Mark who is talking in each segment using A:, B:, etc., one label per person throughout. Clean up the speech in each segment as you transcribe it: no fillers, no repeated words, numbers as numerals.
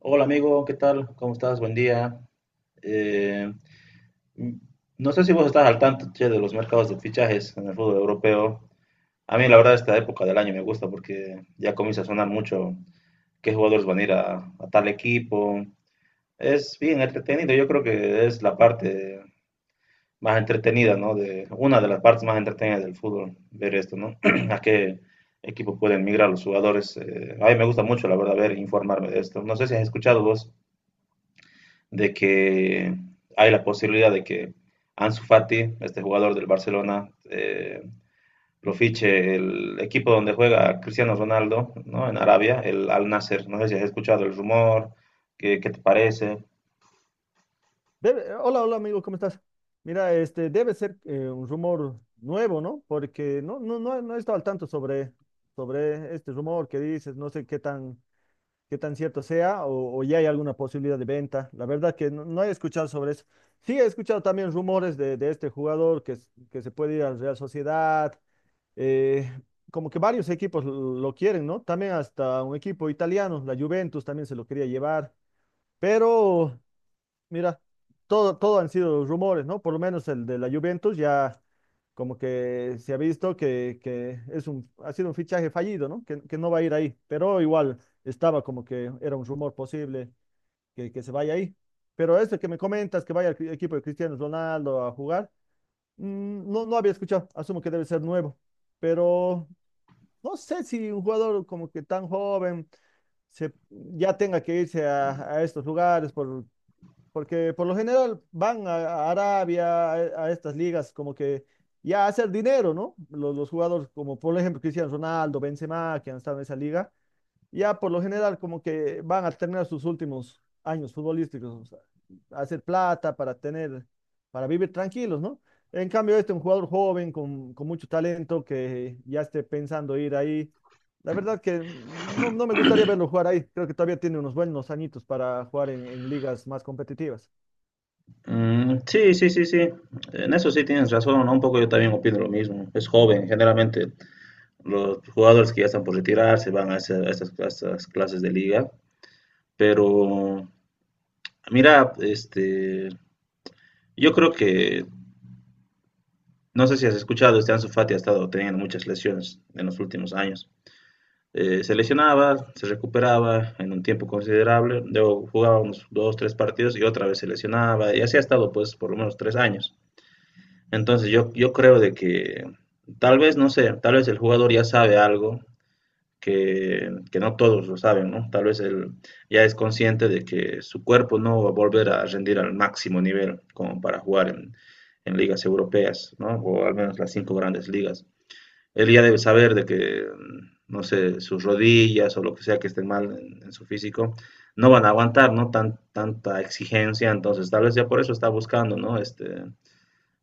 A: Hola amigo, ¿qué tal? ¿Cómo estás? Buen día. Eh, m- no sé si vos estás al tanto, che, de los mercados de fichajes en el fútbol europeo. A mí la verdad esta época del año me gusta porque ya comienza a sonar mucho qué jugadores van a ir a tal equipo. Es bien entretenido, yo creo que es la parte más entretenida, ¿no? Una de las partes más entretenidas del fútbol, ver esto, ¿no? A qué equipo pueden migrar los jugadores. A mí me gusta mucho, la verdad, ver, informarme de esto. No sé si has escuchado vos de que hay la posibilidad de que Ansu Fati, este jugador del Barcelona, lo fiche el equipo donde juega Cristiano Ronaldo, ¿no? En Arabia, el Al Nasser. No sé si has escuchado el rumor. ¿Qué te parece?
B: Hola, hola amigo, ¿cómo estás? Mira, este debe ser un rumor nuevo, ¿no? Porque no he estado al tanto sobre, sobre este rumor que dices, no sé qué tan cierto sea o ya hay alguna posibilidad de venta. La verdad que no he escuchado sobre eso. Sí, he escuchado también rumores de este jugador que se puede ir al Real Sociedad, eh, como que varios equipos lo quieren, ¿no? También hasta un equipo italiano, la Juventus también se lo quería llevar, pero... Mira, todo han sido rumores, ¿no? Por lo menos el de la Juventus ya como que se ha visto que es ha sido un fichaje fallido, ¿no? Que no va a ir ahí, pero igual estaba como que era un rumor posible que se vaya ahí. Pero este que me comentas, que vaya al equipo de Cristiano Ronaldo a jugar, no, no había escuchado, asumo que debe ser nuevo, pero no sé si un jugador como que tan joven ya tenga que irse a estos lugares porque por lo general van a Arabia, a estas ligas, como que ya a hacer dinero, ¿no? Los jugadores como por ejemplo Cristiano Ronaldo, Benzema, que han estado en esa liga, ya por lo general como que van a terminar sus últimos años futbolísticos, o sea, a hacer plata para tener, para vivir tranquilos, ¿no? En cambio, este es un jugador joven con mucho talento que ya esté pensando ir ahí. La verdad que no me gustaría verlo jugar ahí. Creo que todavía tiene unos buenos añitos para jugar en ligas más competitivas.
A: Mm, sí, sí, sí, sí. En eso sí tienes razón, ¿no? Un poco yo también opino lo mismo. Es joven, generalmente los jugadores que ya están por retirarse van a estas clases de liga. Pero, mira, yo creo que no sé si has escuchado, este Ansu Fati ha estado teniendo muchas lesiones en los últimos años. Se lesionaba, se recuperaba en un tiempo considerable, luego jugaba unos dos, tres partidos y otra vez se lesionaba, y así ha estado pues por lo menos tres años. Entonces yo creo de que tal vez, no sé, tal vez el jugador ya sabe algo que no todos lo saben, ¿no? Tal vez él ya es consciente de que su cuerpo no va a volver a rendir al máximo nivel como para jugar en ligas europeas, ¿no? O al menos las cinco grandes ligas él ya debe saber de que, no sé, sus rodillas o lo que sea que esté mal en su físico, no van a aguantar, ¿no? Tanta exigencia, entonces tal vez ya por eso está buscando, ¿no?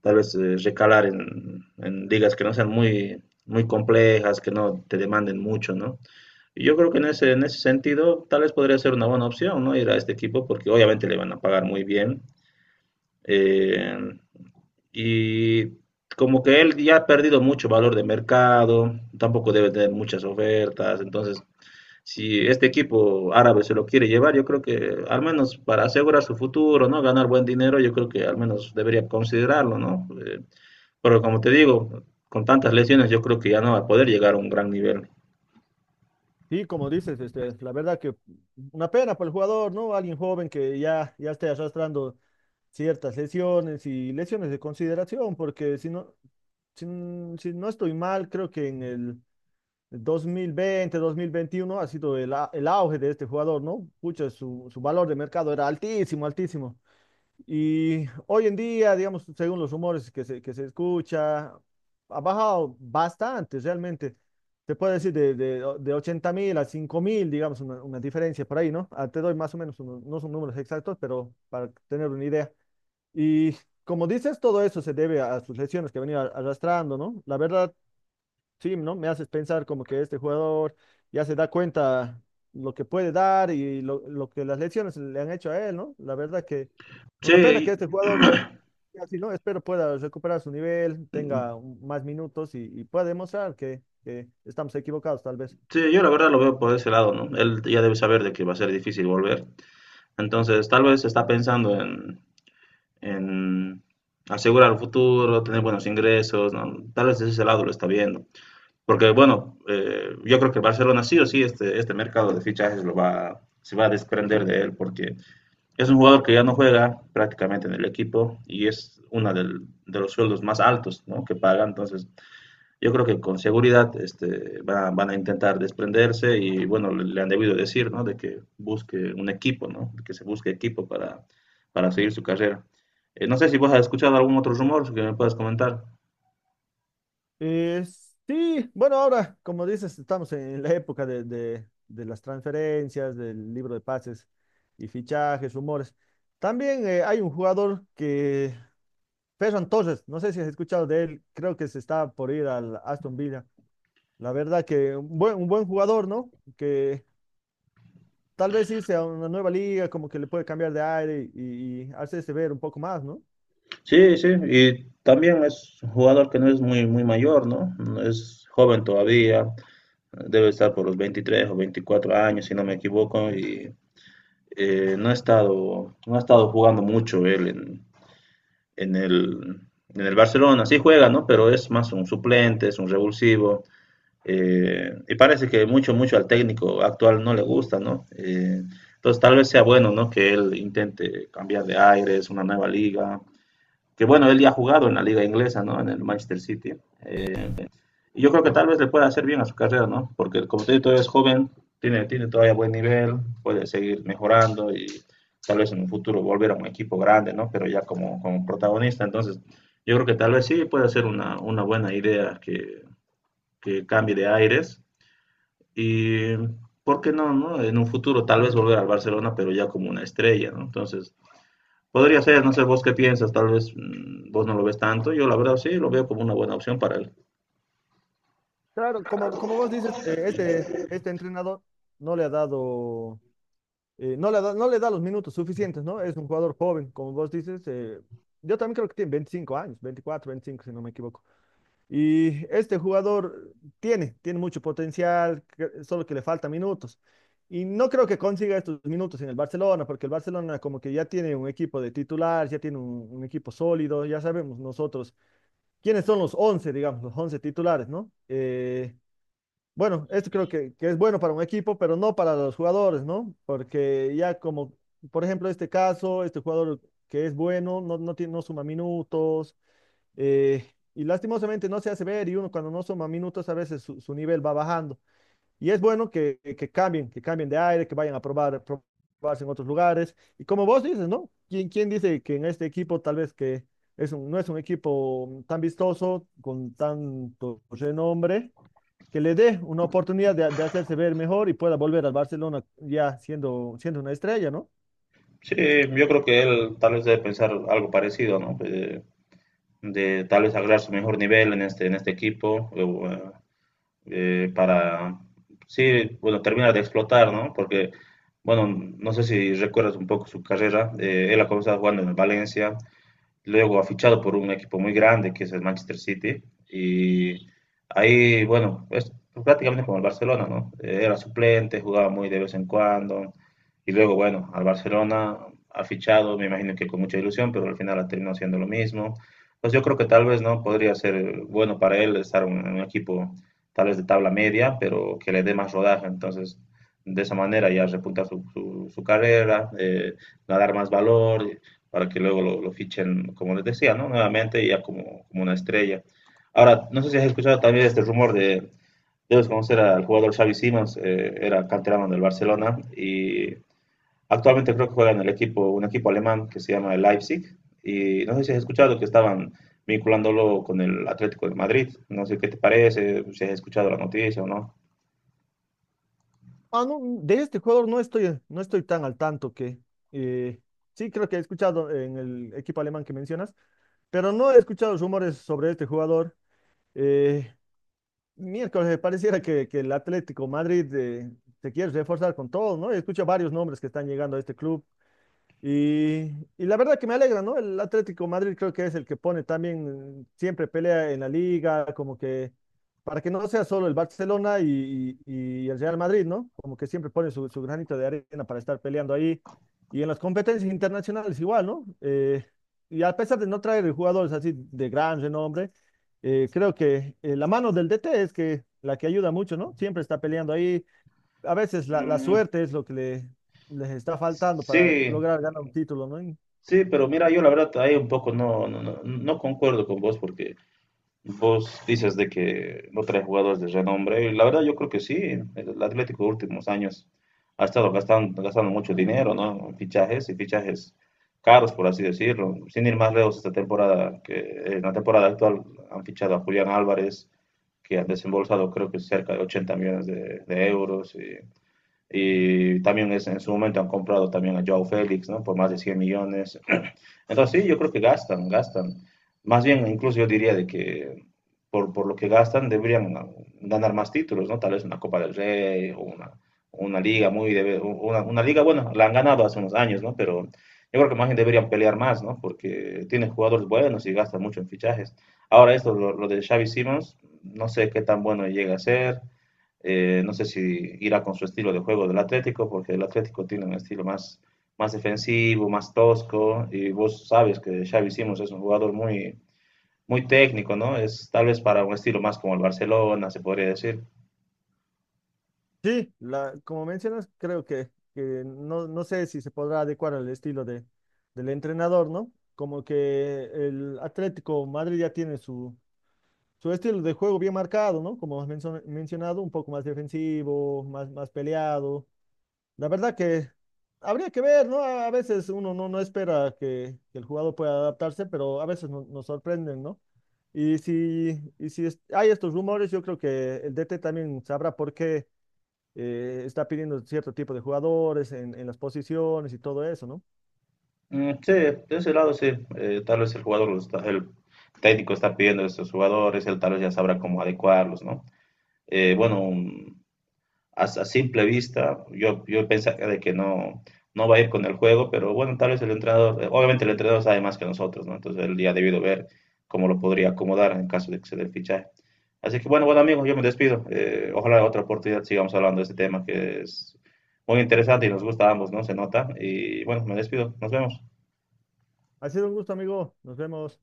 A: Tal vez recalar en ligas que no sean muy, muy complejas, que no te demanden mucho, ¿no? Y yo creo que en ese sentido tal vez podría ser una buena opción, ¿no? Ir a este equipo porque obviamente le van a pagar muy bien. Eh, y como que él ya ha perdido mucho valor de mercado, tampoco debe tener muchas ofertas. Entonces, si este equipo árabe se lo quiere llevar, yo creo que al menos para asegurar su futuro, ¿no? Ganar buen dinero, yo creo que al menos debería considerarlo, ¿no? Pero como te digo, con tantas lesiones, yo creo que ya no va a poder llegar a un gran nivel.
B: Sí, como dices, este, la verdad que una pena para el jugador, ¿no? Alguien joven ya esté arrastrando ciertas lesiones y lesiones de consideración, porque si no, si no estoy mal, creo que en el 2020, 2021 ha sido el auge de este jugador, ¿no? Pucha, su valor de mercado era altísimo, altísimo. Y hoy en día, digamos, según los rumores que se escucha, ha bajado bastante realmente. Te puedo decir de 80.000 a 5.000, digamos, una diferencia por ahí, ¿no? Ah, te doy más o menos, no son números exactos, pero para tener una idea. Y como dices, todo eso se debe a sus lesiones que venía arrastrando, ¿no? La verdad, sí, ¿no? Me haces pensar como que este jugador ya se da cuenta lo que puede dar y lo que las lesiones le han hecho a él, ¿no? La verdad que
A: Sí,
B: una pena
A: y-
B: que este jugador, así, ¿no? Espero pueda recuperar su nivel, tenga más minutos y pueda demostrar que estamos equivocados, tal vez.
A: Sí, yo la verdad lo veo por ese lado, ¿no? Él ya debe saber de que va a ser difícil volver. Entonces, tal vez está pensando en asegurar el futuro, tener buenos ingresos, ¿no? Tal vez desde ese lado lo está viendo. Porque, bueno, yo creo que Barcelona sí o sí, este mercado de fichajes lo va, se va a desprender de él, porque es un jugador que ya no juega prácticamente en el equipo y es uno de los sueldos más altos, ¿no? que paga. Entonces, yo creo que con seguridad van a intentar desprenderse y bueno, le han debido decir, ¿no? De que busque un equipo, ¿no? Que se busque equipo para seguir su carrera. No sé si vos has escuchado algún otro rumor que me puedas comentar.
B: Eh, sí, bueno, ahora, como dices, estamos en la época de las transferencias, del libro de pases y fichajes, rumores. También hay un jugador que Ferran Torres, no sé si has escuchado de él, creo que se está por ir al Aston Villa. La verdad que un buen jugador, ¿no? Que tal vez irse a una nueva liga, como que le puede cambiar de aire y hacerse ver un poco más, ¿no?
A: Sí, sí, y también es un jugador que no es muy, muy mayor, ¿no? No es joven todavía, debe estar por los 23 o 24 años, si no me equivoco, y no ha estado, no ha estado jugando mucho él en el, en el Barcelona sí juega, ¿no? Pero es más un suplente, es un revulsivo. Y parece que mucho, mucho al técnico actual no le gusta, ¿no? Entonces tal vez sea bueno, ¿no? Que él intente cambiar de aires, una nueva liga. Que bueno, él ya ha jugado en la liga inglesa, ¿no? En el Manchester City. Eh, y yo creo que tal vez le pueda hacer bien a su carrera, ¿no? Porque como te digo, todavía es joven, tiene todavía buen nivel, puede seguir mejorando y tal vez en un futuro volver a un equipo grande, ¿no? Pero ya como protagonista, entonces yo creo que tal vez sí puede ser una buena idea que cambie de aires y, ¿por qué no, no? En un futuro tal vez volver al Barcelona, pero ya como una estrella, ¿no? Entonces, podría ser, no sé vos qué piensas, tal vez vos no lo ves tanto, yo la verdad sí lo veo como una buena opción para él.
B: Claro, como, como vos dices, este, este entrenador no le ha dado, no le da los minutos suficientes, ¿no? Es un jugador joven, como vos dices. Eh, yo también creo que tiene 25 años, 24, 25, si no me equivoco. Y este jugador tiene, tiene mucho potencial, solo que le falta minutos. Y no creo que consiga estos minutos en el Barcelona, porque el Barcelona como que ya tiene un equipo de titulares, ya tiene un equipo sólido, ya sabemos nosotros quiénes son los 11 digamos, los 11 titulares, ¿no? Bueno, esto creo que es bueno para un equipo, pero no para los jugadores, ¿no? Porque ya como, por ejemplo, este caso, este jugador que es bueno, no suma minutos eh, y lastimosamente no se hace ver y uno cuando no suma minutos a veces su, su nivel va bajando. Y es bueno que cambien, que cambien de aire, que vayan a probar, probarse en otros lugares. Y como vos dices, ¿no? ¿Quién dice que en este equipo tal vez que es no es un equipo tan vistoso, con tanto renombre, que le dé una oportunidad de hacerse ver mejor y pueda volver al Barcelona ya siendo, siendo una estrella, ¿no?
A: Sí, yo creo que él tal vez debe pensar algo parecido, ¿no? De tal vez agregar su mejor nivel en este equipo para, sí, bueno, terminar de explotar, ¿no? Porque, bueno, no sé si recuerdas un poco su carrera, él ha comenzado jugando en el Valencia, luego ha fichado por un equipo muy grande que es el Manchester City y ahí, bueno, es prácticamente como el Barcelona, ¿no? Era suplente, jugaba muy de vez en cuando y luego, bueno, al Barcelona ha fichado, me imagino que con mucha ilusión, pero al final ha terminado haciendo lo mismo. Pues yo creo que tal vez no podría ser bueno para él estar en un equipo tal vez de tabla media, pero que le dé más rodaje. Entonces, de esa manera ya repuntar su carrera, ganar más valor para que luego lo fichen, como les decía, ¿no? Nuevamente ya como una estrella. Ahora, no sé si has escuchado también este rumor debes conocer al jugador Xavi Simons, era canterano del Barcelona y actualmente creo que juega en el equipo, un equipo alemán que se llama el Leipzig y no sé si has escuchado que estaban vinculándolo con el Atlético de Madrid. No sé qué te parece, si has escuchado la noticia o no.
B: Ah, no, de este jugador no estoy tan al tanto que eh, sí creo que he escuchado en el equipo alemán que mencionas, pero no he escuchado rumores sobre este jugador. Eh, miércoles pareciera que el Atlético Madrid se quiere reforzar con todo, ¿no? He escuchado varios nombres que están llegando a este club. Y, y la verdad que me alegra, ¿no? El Atlético Madrid creo que es el que pone también, siempre pelea en la liga, como que para que no sea solo el Barcelona y el Real Madrid, ¿no? Como que siempre pone su, su granito de arena para estar peleando ahí. Y en las competencias internacionales igual, ¿no? Y a pesar de no traer jugadores así de gran renombre, creo que la mano del DT es que la que ayuda mucho, ¿no? Siempre está peleando ahí a veces la, la
A: Mm,
B: suerte es lo que le, les está faltando para
A: sí,
B: lograr ganar un título, ¿no? Y
A: sí, pero mira, yo la verdad ahí un poco no concuerdo con vos porque vos dices de que no trae jugadores de renombre. Y la verdad, yo creo que sí. El Atlético de últimos años ha estado gastando mucho dinero, ¿no? En fichajes y fichajes caros, por así decirlo. Sin ir más lejos, esta temporada, que en la temporada actual han fichado a Julián Álvarez, que han desembolsado creo que cerca de 80 millones de euros. Y también es, en su momento han comprado también a Joao Félix, ¿no? Por más de 100 millones. Entonces, sí, yo creo que gastan, gastan. Más bien, incluso yo diría de que por lo que gastan, deberían ganar más títulos, ¿no? Tal vez una Copa del Rey o una liga muy. Una liga, bueno, la han ganado hace unos años, ¿no? Pero yo creo que más bien deberían pelear más, ¿no? Porque tienen jugadores buenos y gastan mucho en fichajes. Ahora esto, lo de Xavi Simons, no sé qué tan bueno llega a ser, no sé si irá con su estilo de juego del Atlético, porque el Atlético tiene un estilo más defensivo, más tosco, y vos sabes que Xavi Simons es un jugador muy, muy técnico, ¿no? Es tal vez para un estilo más como el Barcelona, se podría decir.
B: sí, la, como mencionas, creo que no, no sé si se podrá adecuar al estilo de, del entrenador, ¿no? Como que el Atlético Madrid ya tiene su, su estilo de juego bien marcado, ¿no? Como has mencionado, un poco más defensivo, más, más peleado. La verdad que habría que ver, ¿no? A veces uno no espera que el jugador pueda adaptarse, pero a veces nos sorprenden, ¿no? Y si hay estos rumores, yo creo que el DT también sabrá por qué está pidiendo cierto tipo de jugadores en las posiciones y todo eso, ¿no?
A: Mm, sí, de ese lado sí, tal vez el jugador, el técnico está pidiendo a estos jugadores, él tal vez ya sabrá cómo adecuarlos, ¿no? Bueno, a simple vista, yo pensaría de que no va a ir con el juego, pero bueno, tal vez el entrenador, obviamente el entrenador sabe más que nosotros, ¿no? Entonces él ya ha debido ver cómo lo podría acomodar en caso de que se dé el fichaje. Así que bueno, bueno amigos, yo me despido. Ojalá en otra oportunidad sigamos hablando de este tema que es muy interesante y nos gusta a ambos, ¿no? Se nota. Y bueno, me despido. Nos vemos.
B: Ha sido un gusto, amigo. Nos vemos.